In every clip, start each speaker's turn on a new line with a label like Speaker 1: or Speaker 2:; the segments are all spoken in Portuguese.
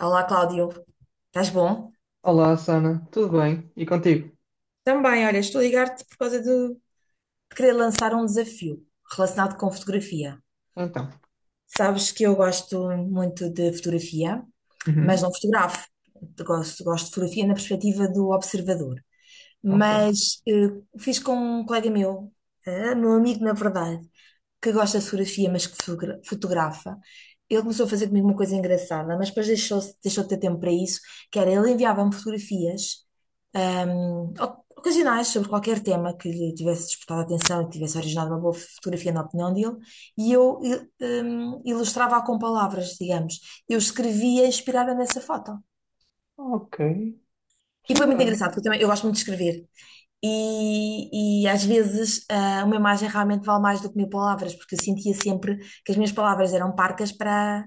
Speaker 1: Olá, Cláudio. Estás bom?
Speaker 2: Olá, Sana, tudo bem? E contigo?
Speaker 1: Também, olha, estou a ligar-te por causa de querer lançar um desafio relacionado com fotografia.
Speaker 2: Então.
Speaker 1: Sabes que eu gosto muito de fotografia, mas
Speaker 2: Uhum.
Speaker 1: não fotografo. Gosto de fotografia na perspectiva do observador.
Speaker 2: Ok.
Speaker 1: Mas fiz com um colega meu, meu amigo, na verdade, que gosta de fotografia, mas que fotografa. Ele começou a fazer comigo uma coisa engraçada, mas depois deixou de ter tempo para isso, que era ele enviava-me fotografias, ocasionais sobre qualquer tema que lhe tivesse despertado a atenção e que tivesse originado uma boa fotografia na opinião dele, e eu ilustrava-a com palavras, digamos. Eu escrevia inspirada nessa foto.
Speaker 2: Ok.
Speaker 1: E foi
Speaker 2: Sim,
Speaker 1: muito
Speaker 2: ah,
Speaker 1: engraçado, porque eu também eu gosto muito de escrever. E às vezes uma imagem realmente vale mais do que mil palavras, porque eu sentia sempre que as minhas palavras eram parcas para,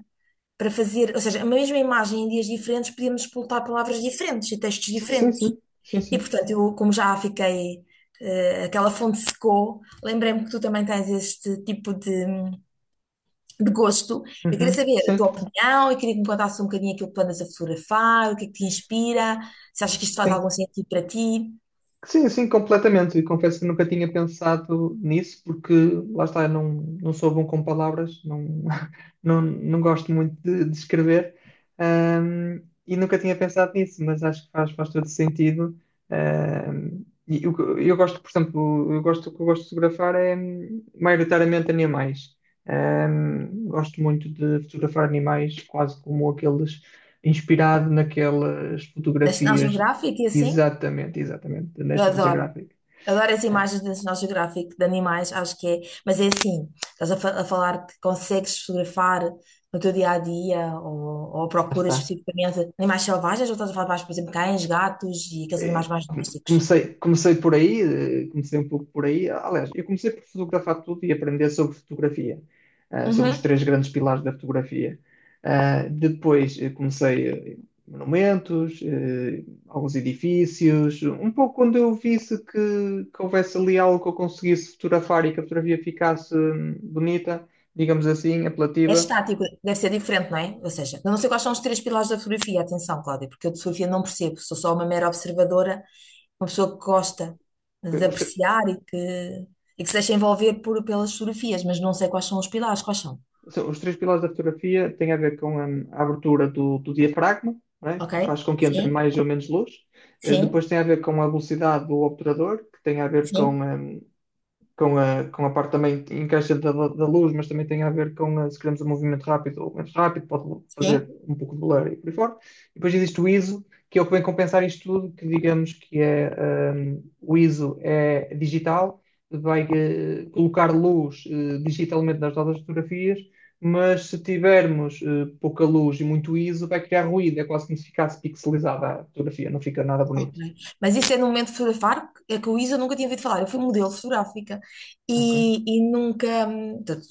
Speaker 1: para fazer, ou seja, a mesma imagem em dias diferentes podíamos explotar palavras diferentes e textos
Speaker 2: sim, sim,
Speaker 1: diferentes.
Speaker 2: sim. Sim,
Speaker 1: E
Speaker 2: sim.
Speaker 1: portanto, eu, como já fiquei, aquela fonte secou, lembrei-me que tu também tens este tipo de gosto. Eu queria
Speaker 2: Uhum.
Speaker 1: saber a
Speaker 2: Sim.
Speaker 1: tua opinião, e queria que me contasse um bocadinho aquilo que tu andas a fotografar, o que é que te inspira, se achas que isto faz algum
Speaker 2: Sim.
Speaker 1: sentido para ti,
Speaker 2: Sim, sim, completamente. E confesso que nunca tinha pensado nisso, porque lá está, eu não sou bom com palavras, não, não gosto muito de escrever, e nunca tinha pensado nisso, mas acho que faz todo sentido. E o que eu gosto, por exemplo, eu gosto, o que eu gosto de fotografar é maioritariamente animais. Gosto muito de fotografar animais, quase como aqueles inspirado naquelas
Speaker 1: na National
Speaker 2: fotografias.
Speaker 1: Geographic e assim.
Speaker 2: Exatamente, exatamente, da
Speaker 1: Eu
Speaker 2: National
Speaker 1: adoro.
Speaker 2: Geographic.
Speaker 1: Adoro as
Speaker 2: É,
Speaker 1: imagens do National Geographic de animais, acho que é. Mas é assim, estás a, a falar que consegues fotografar no teu dia a dia ou
Speaker 2: lá
Speaker 1: procuras
Speaker 2: está.
Speaker 1: especificamente animais selvagens ou estás a falar mais, por exemplo, cães, gatos e aqueles
Speaker 2: Eh,
Speaker 1: animais mais
Speaker 2: com-
Speaker 1: domésticos?
Speaker 2: Comecei, comecei por aí, comecei um pouco por aí. Aliás, eu comecei por fotografar tudo e aprender sobre fotografia, sobre os
Speaker 1: Uhum.
Speaker 2: três grandes pilares da fotografia. Depois comecei eh, monumentos, alguns edifícios, um pouco quando eu visse que, houvesse ali algo que eu conseguisse fotografar e que a fotografia ficasse bonita, digamos assim,
Speaker 1: É
Speaker 2: apelativa.
Speaker 1: estático, deve ser diferente, não é? Ou seja, eu não sei quais são os três pilares da fotografia, atenção, Cláudia, porque eu de fotografia não percebo, sou só uma mera observadora, uma pessoa que gosta
Speaker 2: Ok.
Speaker 1: de
Speaker 2: os, tr-
Speaker 1: apreciar e que se deixa envolver por, pelas fotografias, mas não sei quais são os pilares, quais são?
Speaker 2: são- os três pilares da fotografia têm a ver com a abertura do, diafragma, não é?
Speaker 1: Ok?
Speaker 2: Que faz com que entre
Speaker 1: Sim,
Speaker 2: mais ou menos luz.
Speaker 1: sim,
Speaker 2: Depois tem a ver com a velocidade do obturador, que tem a ver
Speaker 1: sim,
Speaker 2: com com a parte também que encaixa da, luz, mas também tem a ver com a, se queremos um movimento rápido ou menos rápido, pode fazer
Speaker 1: sim.
Speaker 2: um pouco de blur e por aí fora. E depois existe o ISO, que é o que vem compensar isto tudo, que digamos que é um, o ISO é digital, vai colocar luz digitalmente nas nossas fotografias, mas se tivermos pouca luz e muito ISO, vai criar ruído, é quase como se ficasse pixelizada a fotografia, não fica nada
Speaker 1: Ok.
Speaker 2: bonito.
Speaker 1: Mas isso é no momento fotográfico, é que o Isa nunca tinha ouvido falar. Eu fui modelo fotográfica
Speaker 2: Ok?
Speaker 1: e nunca. Portanto,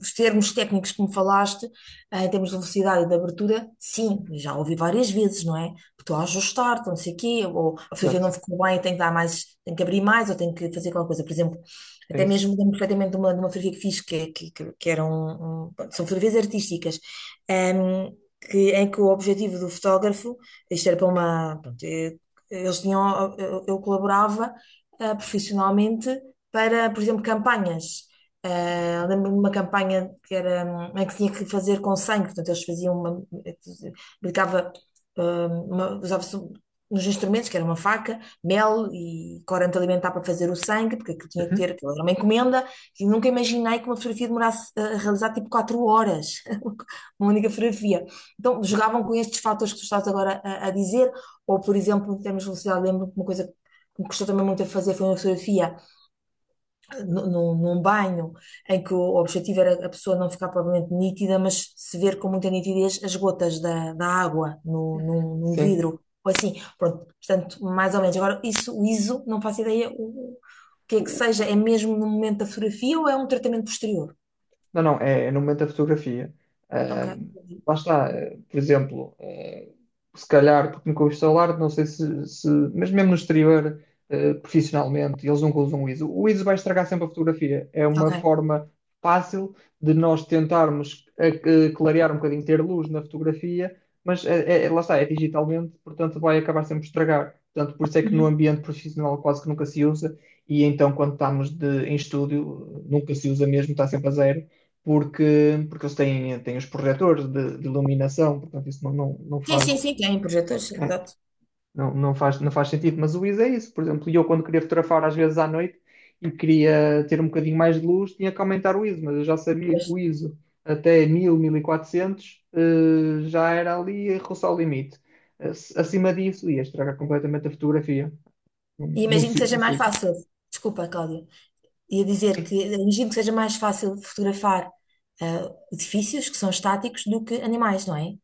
Speaker 1: os termos técnicos que me falaste, em termos de velocidade e de abertura, sim,
Speaker 2: Uhum.
Speaker 1: já ouvi várias vezes, não é? Estou a ajustar, estou não sei o quê, ou a fotografia
Speaker 2: Exato,
Speaker 1: não ficou bem, tenho que dar mais, tenho que abrir mais, ou tenho que fazer qualquer coisa. Por exemplo,
Speaker 2: é
Speaker 1: até
Speaker 2: isso.
Speaker 1: mesmo lembro perfeitamente de uma fotografia que fiz, que eram. São fotografias artísticas. hum, que, em que o objetivo do fotógrafo, isto era para uma, pronto, eles tinham, eu colaborava profissionalmente para, por exemplo, campanhas.
Speaker 2: Okay.
Speaker 1: Lembro-me de uma campanha que era, em que tinha que fazer com sangue, portanto, eles faziam uma, aplicava, usava-se um, nos instrumentos, que era uma faca, mel e corante alimentar para fazer o sangue, porque aquilo tinha que ter, aquilo era uma encomenda, e nunca imaginei que uma fotografia demorasse a realizar tipo 4 horas, uma única fotografia. Então, jogavam com estes fatores que tu estás agora a dizer, ou, por exemplo, em termos de velocidade, lembro-me que uma coisa que me custou também muito a fazer foi uma fotografia num banho, em que o objetivo era a pessoa não ficar propriamente nítida, mas se ver com muita nitidez as gotas da água no,
Speaker 2: Uhum.
Speaker 1: num, num
Speaker 2: Sim.
Speaker 1: vidro, ou assim. Pronto, portanto, mais ou menos. Agora, isso, o ISO, não faço ideia o que é que seja. É mesmo no momento da fotografia ou é um tratamento posterior?
Speaker 2: Não, não, é no momento da fotografia.
Speaker 1: Ok,
Speaker 2: Ahm,
Speaker 1: entendi.
Speaker 2: Lá está, por exemplo, se calhar, porque nunca o instalar, não sei se, mas mesmo no exterior, profissionalmente, eles nunca usam o ISO. O ISO vai estragar sempre a fotografia. É uma
Speaker 1: Ok.
Speaker 2: forma fácil de nós tentarmos clarear um bocadinho, ter luz na fotografia, mas lá está, é digitalmente, portanto vai acabar sempre por estragar. Portanto, por isso é que no
Speaker 1: Uhum.
Speaker 2: ambiente profissional quase que nunca se usa, e então quando estamos em estúdio, nunca se usa mesmo, está sempre a zero porque, eles têm os projetores de, iluminação, portanto, isso não, não, não
Speaker 1: Sim, sim,
Speaker 2: faz,
Speaker 1: sim, tem projetores, sim,
Speaker 2: né?
Speaker 1: exato.
Speaker 2: Não, não faz, não faz sentido, mas o ISO é isso. Por exemplo, eu quando queria fotografar às vezes à noite e queria ter um bocadinho mais de luz, tinha que aumentar o ISO, mas eu já sabia que
Speaker 1: Pois.
Speaker 2: o ISO até 1000, 1400 já era ali a roçar o limite. Eh, Acima disso ia estragar completamente a fotografia. Não,
Speaker 1: E imagino que seja
Speaker 2: não se
Speaker 1: mais
Speaker 2: usa.
Speaker 1: fácil. Desculpa, Cláudia. Ia dizer que
Speaker 2: Sim.
Speaker 1: imagino que seja mais fácil fotografar edifícios que são estáticos do que animais, não é?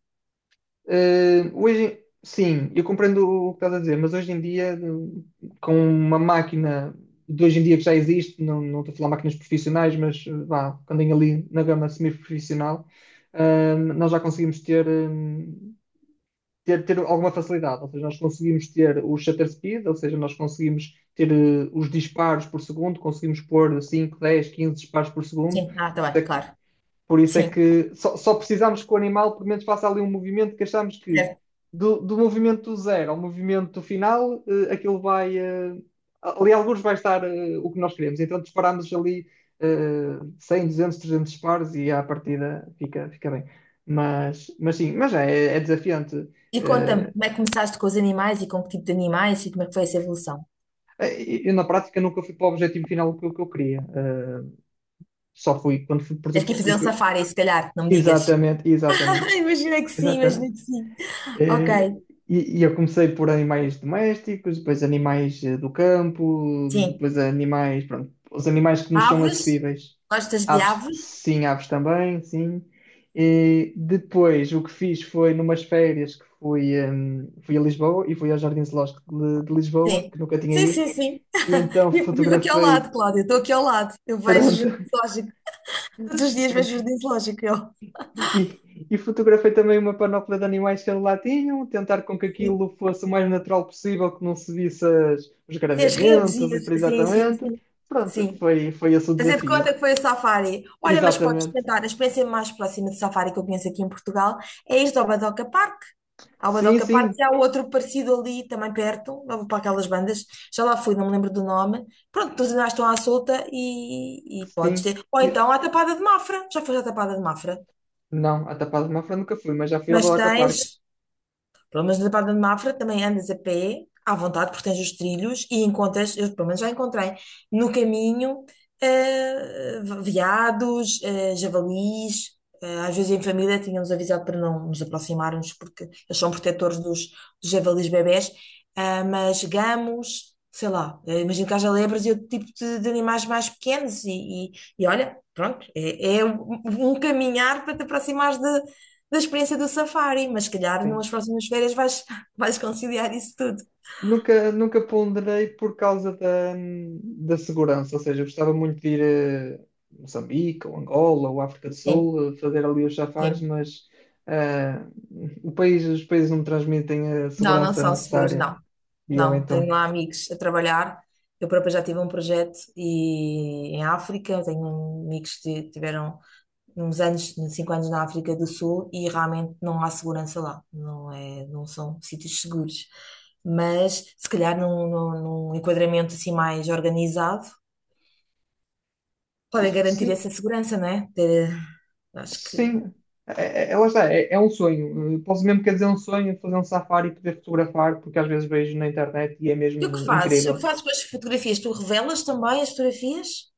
Speaker 2: Hoje, sim, eu compreendo o que estás a dizer, mas hoje em dia, com uma máquina de hoje em dia que já existe, não estou a falar máquinas profissionais, mas vá, quando andem ali na gama semi-profissional, nós já conseguimos ter, alguma facilidade, ou seja, nós conseguimos ter o shutter speed, ou seja, nós conseguimos ter os disparos por segundo, conseguimos pôr 5 10 15 disparos por segundo,
Speaker 1: Sim, tá bem, claro.
Speaker 2: por isso é
Speaker 1: Sim,
Speaker 2: que só precisamos que o animal, pelo menos, faça ali um movimento que achamos que
Speaker 1: certo.
Speaker 2: do, movimento zero ao movimento final, aquilo vai. Ali, alguns vai estar o que nós queremos. Então, disparamos ali 100, 200, 300 disparos e à partida fica bem. Mas sim, mas é desafiante.
Speaker 1: E conta-me,
Speaker 2: Eh,
Speaker 1: como é que começaste com os animais e com que tipo de animais e como é que foi essa evolução?
Speaker 2: eu, na prática, nunca fui para o objetivo final que eu queria. Só fui quando fui, por
Speaker 1: Tens que ir
Speaker 2: exemplo, e
Speaker 1: fazer um
Speaker 2: fui.
Speaker 1: safari, se calhar, não me digas.
Speaker 2: Exatamente, exatamente,
Speaker 1: Imagina que sim, imagina
Speaker 2: exatamente.
Speaker 1: que sim. Ok,
Speaker 2: Eh, e eu comecei por animais domésticos, depois animais do campo,
Speaker 1: sim.
Speaker 2: depois animais, pronto, os animais que nos são
Speaker 1: Aves?
Speaker 2: acessíveis.
Speaker 1: Gostas de
Speaker 2: Aves,
Speaker 1: aves?
Speaker 2: sim, aves também, sim. E depois o que fiz foi numas férias que fui, fui a Lisboa e fui ao Jardim Zoológico de, Lisboa,
Speaker 1: Sim.
Speaker 2: que nunca tinha
Speaker 1: Sim,
Speaker 2: ido,
Speaker 1: sim, sim.
Speaker 2: e então
Speaker 1: Vivo aqui ao lado,
Speaker 2: fotografei,
Speaker 1: Cláudia. Estou aqui ao lado. Eu vejo o
Speaker 2: pronto,
Speaker 1: jardim zoológico. Todos os dias vejo o jardim zoológico. Eu.
Speaker 2: E fotografei também uma panóplia de animais que eles lá tinham, tentar com que aquilo fosse o mais natural possível, que não se visse os
Speaker 1: Fez redes
Speaker 2: gravamentos
Speaker 1: e
Speaker 2: e por aí
Speaker 1: sim, sim,
Speaker 2: exatamente.
Speaker 1: sim.
Speaker 2: Pronto,
Speaker 1: Sim.
Speaker 2: foi esse o
Speaker 1: Fazer de
Speaker 2: desafio.
Speaker 1: conta que foi o Safari. Olha, mas podes
Speaker 2: Exatamente.
Speaker 1: experimentar. A experiência mais próxima de Safari que eu conheço aqui em Portugal é este ao Badoca Park. Ao
Speaker 2: Sim,
Speaker 1: Badoca Park e
Speaker 2: sim,
Speaker 1: há outro parecido ali também perto, lá para aquelas bandas. Já lá fui, não me lembro do nome. Pronto, todos ainda estão à solta e podes
Speaker 2: sim.
Speaker 1: ter. Ou
Speaker 2: E-
Speaker 1: então à Tapada de Mafra. Já foste à Tapada de Mafra.
Speaker 2: não, a Tapada de Mafra nunca fui, mas já fui ao
Speaker 1: Mas
Speaker 2: Balaca Park.
Speaker 1: tens. Pelo menos na Baía de Mafra também andas a pé, à vontade, porque tens os trilhos e encontras, eu pelo menos já encontrei, no caminho, veados, javalis. Às vezes em família tínhamos avisado para não nos aproximarmos, porque eles são protetores dos, javalis bebés, mas gamos, sei lá, imagino que haja lebres e outro tipo de animais mais pequenos, e, e olha, pronto, é um caminhar para te aproximares da experiência do safari, mas se calhar
Speaker 2: Sim.
Speaker 1: numas próximas férias vais, vais conciliar isso tudo.
Speaker 2: Nunca ponderei por causa da, segurança, ou seja, eu gostava muito de ir a Moçambique, ou Angola, ou África do
Speaker 1: Sim,
Speaker 2: Sul, fazer ali os safaris,
Speaker 1: sim.
Speaker 2: mas ah, o país, os países não me transmitem a
Speaker 1: Não, não
Speaker 2: segurança
Speaker 1: são seguros,
Speaker 2: necessária.
Speaker 1: não.
Speaker 2: E eu
Speaker 1: Não, tenho
Speaker 2: então,
Speaker 1: lá amigos a trabalhar. Eu própria já tive um projeto e, em África, tenho amigos que tiveram uns anos, 5 anos na África do Sul e realmente não há segurança lá. Não é, não são sítios seguros. Mas se calhar num enquadramento assim mais organizado, podem garantir
Speaker 2: sim,
Speaker 1: essa segurança, não é? Acho que.
Speaker 2: sim, é, lá está, é um sonho. Posso mesmo quer dizer um sonho, fazer um safari e poder fotografar, porque às vezes vejo na internet e é
Speaker 1: E o que
Speaker 2: mesmo
Speaker 1: fazes? O que
Speaker 2: incrível.
Speaker 1: fazes com as fotografias? Tu revelas também as fotografias?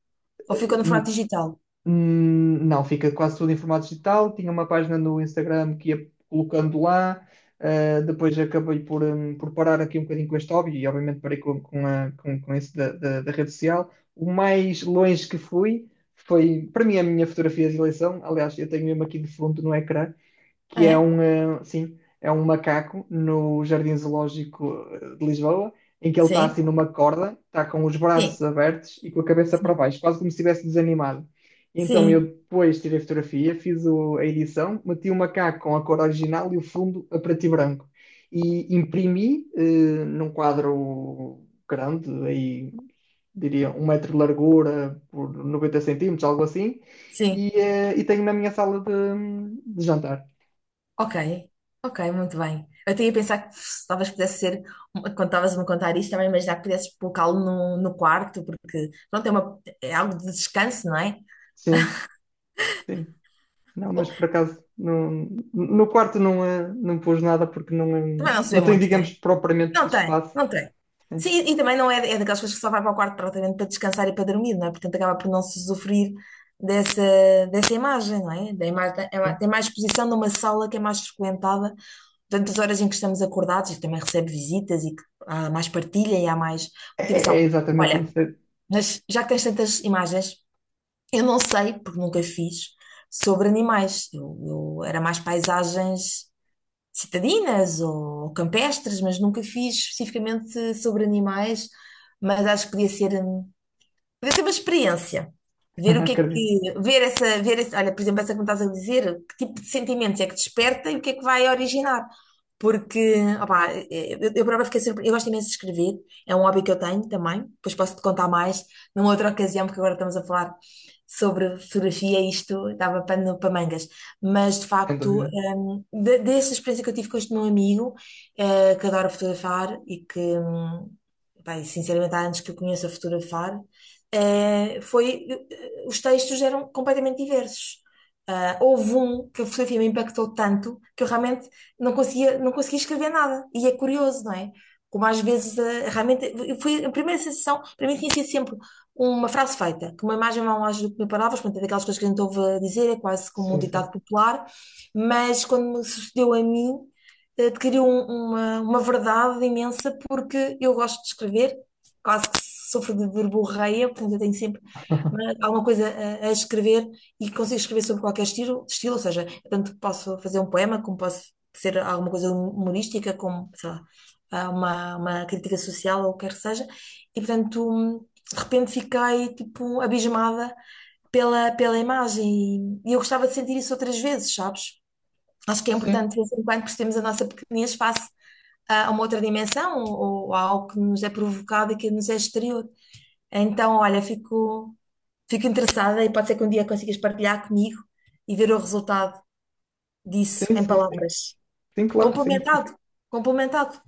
Speaker 1: Ou fica no formato digital?
Speaker 2: Não, fica quase tudo em formato digital. Tinha uma página no Instagram que ia colocando lá. Depois acabei por parar aqui um bocadinho com este hobby e, obviamente, parei com esse da, rede social. O mais longe que fui foi, para mim, a minha fotografia de eleição. Aliás, eu tenho mesmo aqui de fundo no ecrã que
Speaker 1: É?
Speaker 2: sim, é um macaco no Jardim Zoológico de Lisboa, em que ele está
Speaker 1: Sim?
Speaker 2: assim numa corda, está com os braços
Speaker 1: Sim,
Speaker 2: abertos e com a cabeça para
Speaker 1: sim,
Speaker 2: baixo, quase como se estivesse desanimado. Então eu
Speaker 1: sim,
Speaker 2: depois tirei a fotografia, fiz a edição, meti o macaco com a cor original e o fundo a preto e branco. E imprimi num quadro grande, aí diria 1 metro de largura por 90 centímetros, algo assim,
Speaker 1: sim.
Speaker 2: e tenho na minha sala de jantar.
Speaker 1: Ok, ok, muito bem. Eu tinha a pensar que pff, talvez pudesse ser, quando estavas a me contar isto, estava imaginar que pudesses colocá-lo no, no quarto, porque pronto, é, uma, é algo de descanso, não é?
Speaker 2: Sim, sim. Não,
Speaker 1: Bom,
Speaker 2: mas por acaso não, no quarto não, não pus nada porque não,
Speaker 1: também não se vê
Speaker 2: não tem,
Speaker 1: muito, né?
Speaker 2: digamos, propriamente
Speaker 1: Não tem,
Speaker 2: espaço.
Speaker 1: não tem.
Speaker 2: Sim,
Speaker 1: Sim, e também não é, é daquelas pessoas que só vai para o quarto praticamente para descansar e para dormir, não é? Portanto, acaba por não se usufruir dessa, dessa imagem, não é? Da imagem, tem
Speaker 2: sim.
Speaker 1: mais exposição numa sala que é mais frequentada durante as horas em que estamos acordados e que também recebe visitas e que há mais partilha e há mais
Speaker 2: É, é
Speaker 1: motivação.
Speaker 2: exatamente
Speaker 1: Olha,
Speaker 2: isso.
Speaker 1: mas já que tens tantas imagens, eu não sei, porque nunca fiz, sobre animais. Eu era mais paisagens citadinas ou campestres, mas nunca fiz especificamente sobre animais, mas acho que podia ser. Deve ser uma experiência. Ver o que é
Speaker 2: Acredito,
Speaker 1: que. Ver essa. Ver essa olha, por exemplo, essa que me estás a dizer, que tipo de sentimentos é que desperta e o que é que vai originar. Porque, opá, eu, própria fiquei surpresa. Eu gosto imenso de escrever, é um hobby que eu tenho também. Depois posso te contar mais numa outra ocasião, porque agora estamos a falar sobre fotografia e isto dava pano para mangas. Mas, de
Speaker 2: sem
Speaker 1: facto,
Speaker 2: dúvida.
Speaker 1: dessa experiência que eu tive com este meu amigo, que adora fotografar e que, pá, e sinceramente, há anos que eu conheço a fotografar, os textos eram completamente diversos. Ah, houve um que a fotografia me impactou tanto que eu realmente não conseguia escrever nada. E é curioso, não é? Como às vezes, realmente, foi a primeira sensação, para mim tinha sido sempre uma frase feita, que uma imagem vai mais do que mil palavras, portanto, é daquelas coisas que a gente ouve dizer, é quase como um
Speaker 2: Sim, sim.
Speaker 1: ditado popular, mas quando me sucedeu a mim, adquiriu uma verdade imensa porque eu gosto de escrever, quase que sofro de verborreia, portanto eu tenho sempre alguma coisa a escrever e consigo escrever sobre qualquer estilo, ou seja, tanto posso fazer um poema, como posso ser alguma coisa humorística, como, sei lá, uma, crítica social ou o que quer que seja, e portanto de repente fiquei tipo abismada pela imagem e eu gostava de sentir isso outras vezes, sabes? Acho que é
Speaker 2: Sim,
Speaker 1: importante de vez em quando percebermos a nossa pequenez face a uma outra dimensão ou a algo que nos é provocado e que nos é exterior. Então, olha, fico interessada e pode ser que um dia consigas partilhar comigo e ver o resultado disso
Speaker 2: sim,
Speaker 1: em
Speaker 2: sim, sim.
Speaker 1: palavras.
Speaker 2: Sim, claro que sim.
Speaker 1: Complementado, complementado,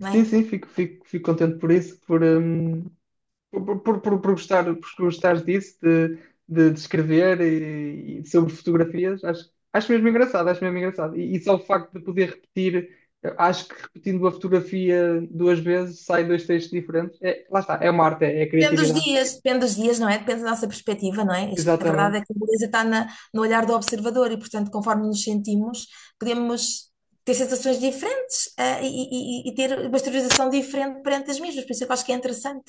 Speaker 1: não é?
Speaker 2: sim, fico contente por isso, por gostar, por gostar disso, de escrever e sobre fotografias, acho mesmo engraçado, acho mesmo engraçado. E só o facto de poder repetir, eu acho que repetindo a fotografia duas vezes sai dois textos diferentes. É, lá está, é uma arte, é criatividade.
Speaker 1: Depende dos dias, não é? Depende da nossa perspectiva, não é? Isto, a verdade
Speaker 2: Exatamente.
Speaker 1: é que a beleza está no olhar do observador e, portanto, conforme nos sentimos, podemos ter sensações diferentes, e ter uma exteriorização diferente perante as mesmas. Por isso é que eu acho que é interessante.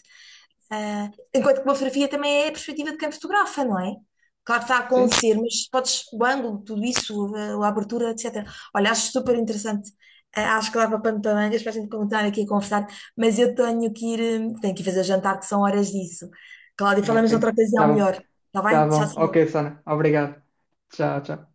Speaker 1: Ah, enquanto que uma fotografia também é a perspectiva de quem fotografa, não é? Claro que está a
Speaker 2: Sim?
Speaker 1: acontecer, mas podes, o ângulo, tudo isso, a abertura, etc. Olha, acho super interessante. Ah, acho que dava pano para mangas para a gente continuar aqui a conversar, mas eu tenho que ir, tenho que ir fazer jantar, que são horas disso. Cláudia,
Speaker 2: Ok.
Speaker 1: falamos noutra
Speaker 2: Tá
Speaker 1: ocasião
Speaker 2: bom,
Speaker 1: melhor, está
Speaker 2: tá
Speaker 1: bem? Tchau,
Speaker 2: bom. Ok,
Speaker 1: tchau.
Speaker 2: Sana, obrigado. Tchau, tchau.